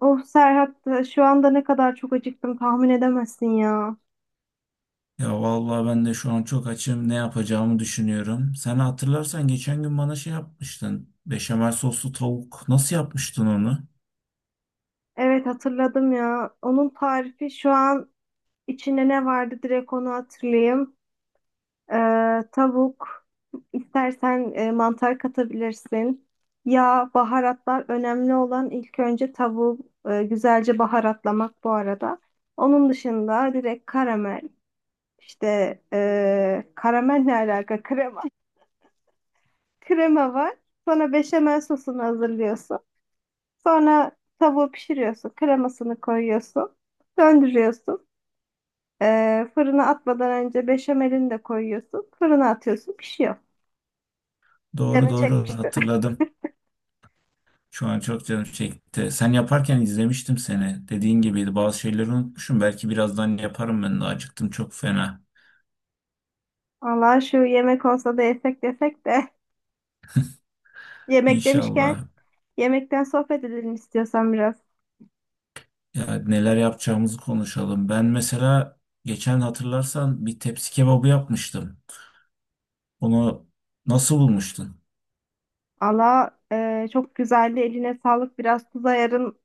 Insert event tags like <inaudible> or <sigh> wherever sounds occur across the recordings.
Of Serhat şu anda ne kadar çok acıktım tahmin edemezsin ya. Ya vallahi ben de şu an çok açım. Ne yapacağımı düşünüyorum. Sen hatırlarsan geçen gün bana şey yapmıştın. Beşamel soslu tavuk. Nasıl yapmıştın onu? Evet hatırladım ya. Onun tarifi şu an içinde ne vardı direkt onu hatırlayayım. Tavuk, istersen mantar katabilirsin. Yağ, baharatlar, önemli olan ilk önce tavuğu güzelce baharatlamak bu arada. Onun dışında direkt karamel, işte karamel ne alaka, krema. <laughs> Krema var. Sonra beşamel sosunu hazırlıyorsun. Sonra tavuğu pişiriyorsun. Kremasını koyuyorsun. Döndürüyorsun. Fırına atmadan önce beşamelini de koyuyorsun. Fırına atıyorsun. Pişiyor. Doğru Canın doğru çekmiştir. hatırladım. Şu an çok canım çekti. Sen yaparken izlemiştim seni. Dediğin gibiydi. Bazı şeyleri unutmuşum. Belki birazdan yaparım ben de. Acıktım çok fena. Allah şu yemek olsa da yesek desek de. <laughs> Yemek demişken İnşallah. yemekten sohbet edelim istiyorsan biraz. Ya neler yapacağımızı konuşalım. Ben mesela geçen hatırlarsan bir tepsi kebabı yapmıştım. Onu nasıl bulmuştun? Allah çok güzeldi. Eline sağlık. Biraz tuz ayarın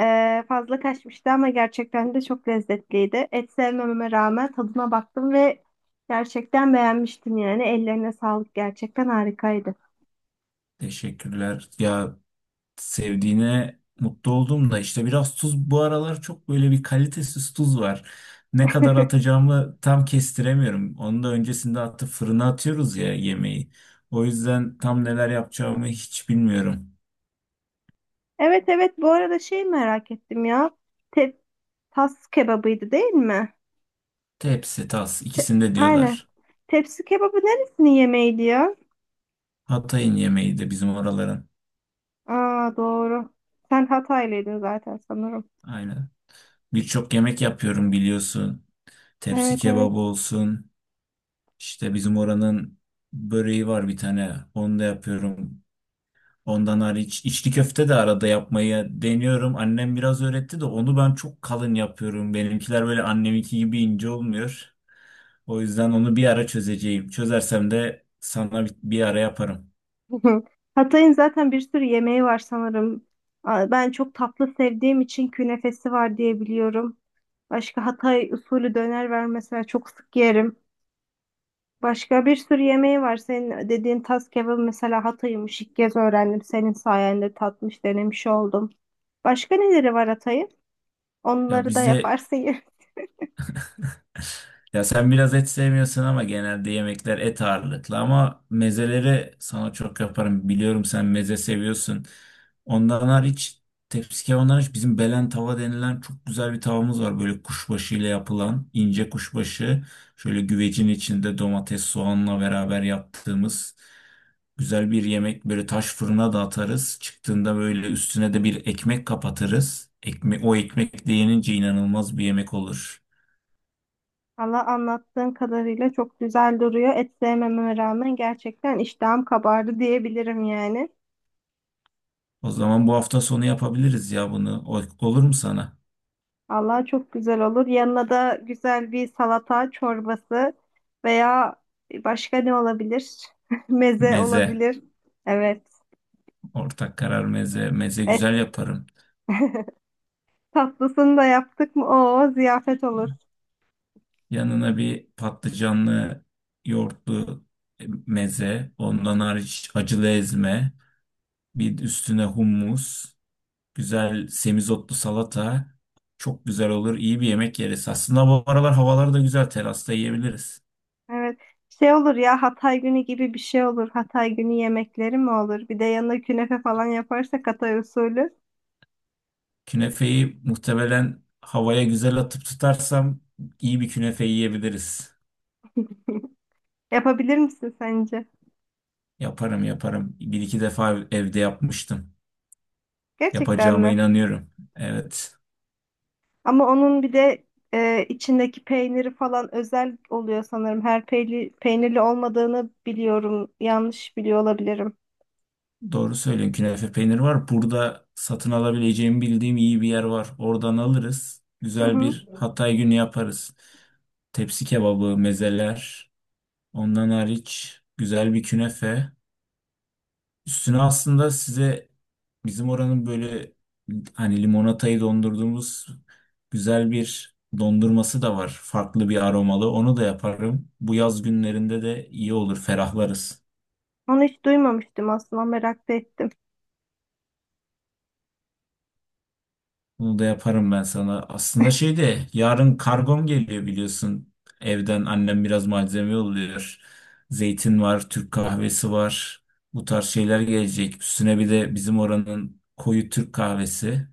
Fazla kaçmıştı ama gerçekten de çok lezzetliydi. Et sevmememe rağmen tadına baktım ve gerçekten beğenmiştim yani. Ellerine sağlık, gerçekten harikaydı. Teşekkürler. Ya sevdiğine mutlu oldum da işte biraz tuz bu aralar çok böyle bir kalitesiz tuz var. Ne kadar <laughs> atacağımı tam kestiremiyorum. Onu da öncesinde atıp fırına atıyoruz ya yemeği. O yüzden tam neler yapacağımı hiç bilmiyorum. Evet, bu arada şey merak ettim ya. Te Tas kebabıydı değil mi? Tepsi, tas Te- ikisinde Aynen. diyorlar. Tepsi kebabı neresinin yemeğiydi ya? Hatay'ın yemeği de bizim oraların. Aa, doğru. Sen Hataylıydın zaten sanırım. Aynen. Birçok yemek yapıyorum biliyorsun. Tepsi Evet. kebabı olsun. İşte bizim oranın böreği var bir tane. Onu da yapıyorum. Ondan hariç içli köfte de arada yapmayı deniyorum. Annem biraz öğretti de onu ben çok kalın yapıyorum. Benimkiler böyle anneminki gibi ince olmuyor. O yüzden onu bir ara çözeceğim. Çözersem de sana bir ara yaparım. <laughs> Hı hı. Hatay'ın zaten bir sürü yemeği var sanırım. Ben çok tatlı sevdiğim için künefesi var diye biliyorum. Başka Hatay usulü döner var mesela, çok sık yerim. Başka bir sürü yemeği var. Senin dediğin tas kebabı mesela Hatay'ımış. İlk kez öğrendim. Senin sayende tatmış, denemiş oldum. Başka neleri var Hatay'ın? Ya Onları da bizde, yaparsın ya. ya sen biraz et sevmiyorsun ama genelde yemekler et ağırlıklı ama mezeleri sana çok yaparım. Biliyorum sen meze seviyorsun. Ondan hariç, tepsi kebabından hariç bizim belen tava denilen çok güzel bir tavamız var. Böyle kuşbaşı ile yapılan ince kuşbaşı. Şöyle güvecin içinde domates soğanla beraber yaptığımız güzel bir yemek. Böyle taş fırına da atarız. Çıktığında böyle üstüne de bir ekmek kapatırız. Ekme o ekmek de yenince inanılmaz bir yemek olur. <laughs> Valla anlattığın kadarıyla çok güzel duruyor. Et sevmeme rağmen gerçekten iştahım kabardı diyebilirim yani. O zaman bu hafta sonu yapabiliriz ya bunu. Olur mu sana? Allah çok güzel olur. Yanına da güzel bir salata, çorbası veya başka ne olabilir? <laughs> Meze Meze. olabilir. Evet. Ortak karar meze. Meze Et güzel yaparım. tatlısını da yaptık mı? Oo, ziyafet olur. Yanına bir patlıcanlı yoğurtlu meze. Ondan hariç acılı ezme. Bir üstüne hummus. Güzel semizotlu salata. Çok güzel olur. İyi bir yemek yeriz. Aslında bu aralar havalar da güzel. Terasta yiyebiliriz. Evet. Şey olur ya, Hatay günü gibi bir şey olur. Hatay günü yemekleri mi olur? Bir de yanına künefe falan yaparsak Hatay usulü. Künefeyi muhtemelen havaya güzel atıp tutarsam iyi bir künefe yiyebiliriz. Yapabilir misin sence? Yaparım yaparım. Bir iki defa evde yapmıştım. Gerçekten Yapacağıma mi? inanıyorum. Evet. Ama onun bir de içindeki peyniri falan özel oluyor sanırım. Her peynirli olmadığını biliyorum. Yanlış biliyor olabilirim. Doğru söylüyorsun. Künefe peynir var. Burada satın alabileceğimi bildiğim iyi bir yer var. Oradan alırız. Hı Güzel hı. bir Hatay günü yaparız. Tepsi kebabı, mezeler. Ondan hariç güzel bir künefe. Üstüne aslında size bizim oranın böyle hani limonatayı dondurduğumuz güzel bir dondurması da var. Farklı bir aromalı. Onu da yaparım. Bu yaz günlerinde de iyi olur, ferahlarız. Onu hiç duymamıştım, aslında merak da ettim. Bunu da yaparım ben sana. Aslında şey <laughs> de yarın kargom geliyor biliyorsun. Evden annem biraz malzeme yolluyor. Zeytin var, Türk kahvesi var. Bu tarz şeyler gelecek. Üstüne bir de bizim oranın koyu Türk kahvesi.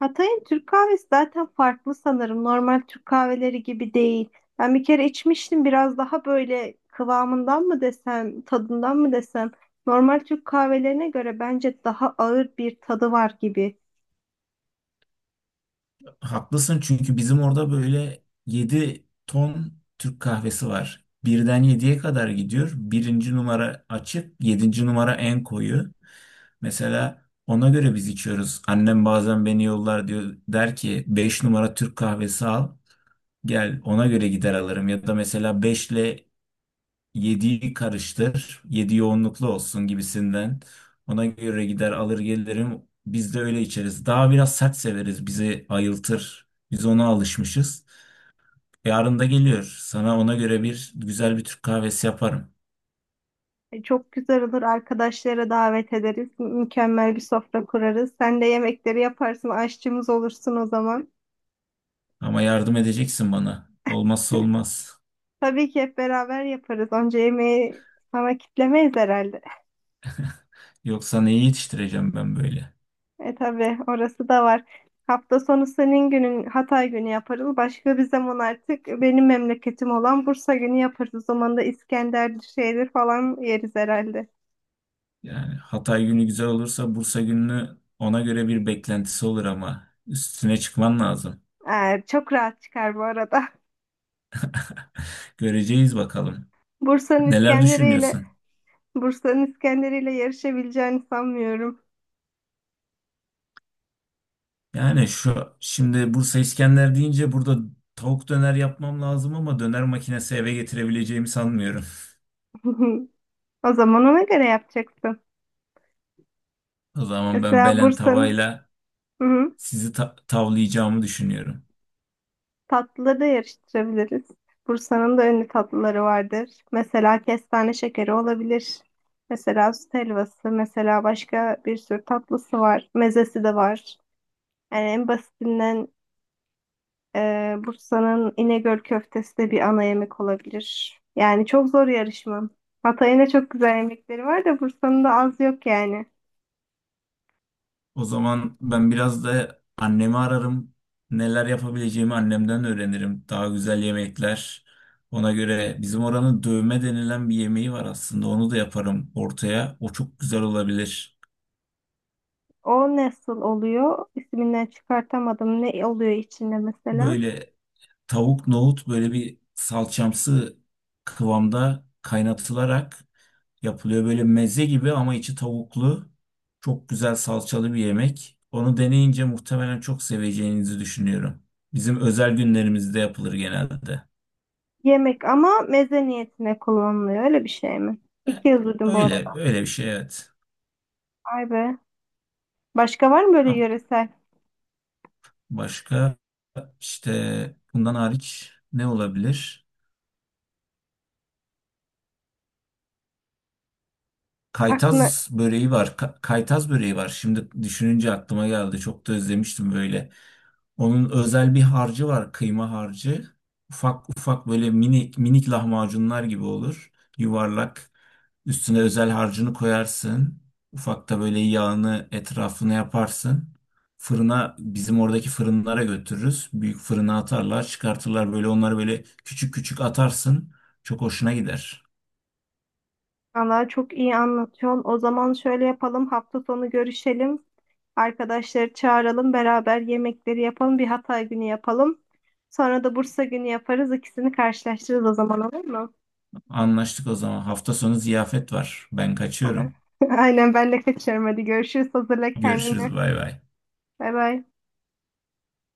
Hatay'ın Türk kahvesi zaten farklı sanırım. Normal Türk kahveleri gibi değil. Ben bir kere içmiştim, biraz daha böyle kıvamından mı desem, tadından mı desem. Normal Türk kahvelerine göre bence daha ağır bir tadı var gibi. Haklısın çünkü bizim orada böyle 7 ton Türk kahvesi var. Birden 7'ye kadar gidiyor. Birinci numara açık, yedinci numara en koyu. Mesela ona göre biz içiyoruz. Annem bazen beni yollar diyor. Der ki 5 numara Türk kahvesi al. Gel ona göre gider alırım. Ya da mesela 5 yediği karıştır, yedi yoğunluklu olsun gibisinden. Ona göre gider alır gelirim. Biz de öyle içeriz. Daha biraz sert severiz. Bizi ayıltır. Biz ona alışmışız. Yarın da geliyor. Sana ona göre bir güzel bir Türk kahvesi yaparım. Çok güzel olur. Arkadaşlara davet ederiz. Mükemmel bir sofra kurarız. Sen de yemekleri yaparsın. Aşçımız olursun o zaman. Ama yardım edeceksin bana. Olmazsa olmaz. Tabii ki hep beraber yaparız. Onca yemeği sana kitlemeyiz herhalde. Yoksa neyi yetiştireceğim ben böyle? E tabii, orası da var. Hafta sonu senin günün, Hatay günü yaparız. Başka bir zaman artık benim memleketim olan Bursa günü yaparız. O zaman da İskender şeyler falan yeriz herhalde. Yani Hatay günü güzel olursa Bursa gününü ona göre bir beklentisi olur ama üstüne çıkman lazım. Çok rahat çıkar bu arada. Göreceğiz bakalım. <laughs> Bursa'nın Neler İskenderiyle düşünüyorsun? Bursa'nın İskenderiyle yarışabileceğini sanmıyorum. Yani şu şimdi Bursa İskender deyince burada tavuk döner yapmam lazım ama döner makinesi eve getirebileceğimi sanmıyorum. <laughs> <laughs> O zaman ona göre yapacaksın. O zaman ben Mesela belen Bursa'nın, tavayla hı hı, sizi tavlayacağımı düşünüyorum. tatlıları da yarıştırabiliriz. Bursa'nın da ünlü tatlıları vardır. Mesela kestane şekeri olabilir. Mesela süt helvası, mesela başka bir sürü tatlısı var. Mezesi de var. Yani en basitinden Bursa'nın İnegöl köftesi de bir ana yemek olabilir. Yani çok zor yarışma. Hatay'ın da çok güzel yemekleri var da Bursa'nın da az yok yani. O zaman ben biraz da annemi ararım. Neler yapabileceğimi annemden öğrenirim. Daha güzel yemekler. Ona göre bizim oranın dövme denilen bir yemeği var aslında. Onu da yaparım ortaya. O çok güzel olabilir. O nasıl oluyor? İsminden çıkartamadım. Ne oluyor içinde mesela? Böyle tavuk nohut böyle bir salçamsı kıvamda kaynatılarak yapılıyor. Böyle meze gibi ama içi tavuklu. Çok güzel salçalı bir yemek. Onu deneyince muhtemelen çok seveceğinizi düşünüyorum. Bizim özel günlerimizde yapılır genelde. Yemek ama meze niyetine kullanılıyor, öyle bir şey mi? İlk E, kez duydum bu arada. Öyle, öyle bir şey evet. Ay be. Başka var mı böyle Ama yöresel? başka, işte bundan hariç ne olabilir? Aklına. Kaytaz böreği var. Kaytaz böreği var. Şimdi düşününce aklıma geldi. Çok da özlemiştim böyle. Onun özel bir harcı var. Kıyma harcı. Ufak ufak böyle minik minik lahmacunlar gibi olur. Yuvarlak. Üstüne özel harcını koyarsın. Ufak da böyle yağını etrafına yaparsın. Fırına bizim oradaki fırınlara götürürüz. Büyük fırına atarlar, çıkartırlar böyle onları böyle küçük küçük atarsın. Çok hoşuna gider. Allah çok iyi anlatıyorsun. O zaman şöyle yapalım. Hafta sonu görüşelim. Arkadaşları çağıralım. Beraber yemekleri yapalım. Bir Hatay günü yapalım. Sonra da Bursa günü yaparız. İkisini karşılaştırırız, o zaman olur mu? Anlaştık o zaman. Hafta sonu ziyafet var. Ben Ha. kaçıyorum. <laughs> Aynen, ben de kaçıyorum. Hadi görüşürüz. Hazırla kendini. Görüşürüz. Bay bay. Bay bay.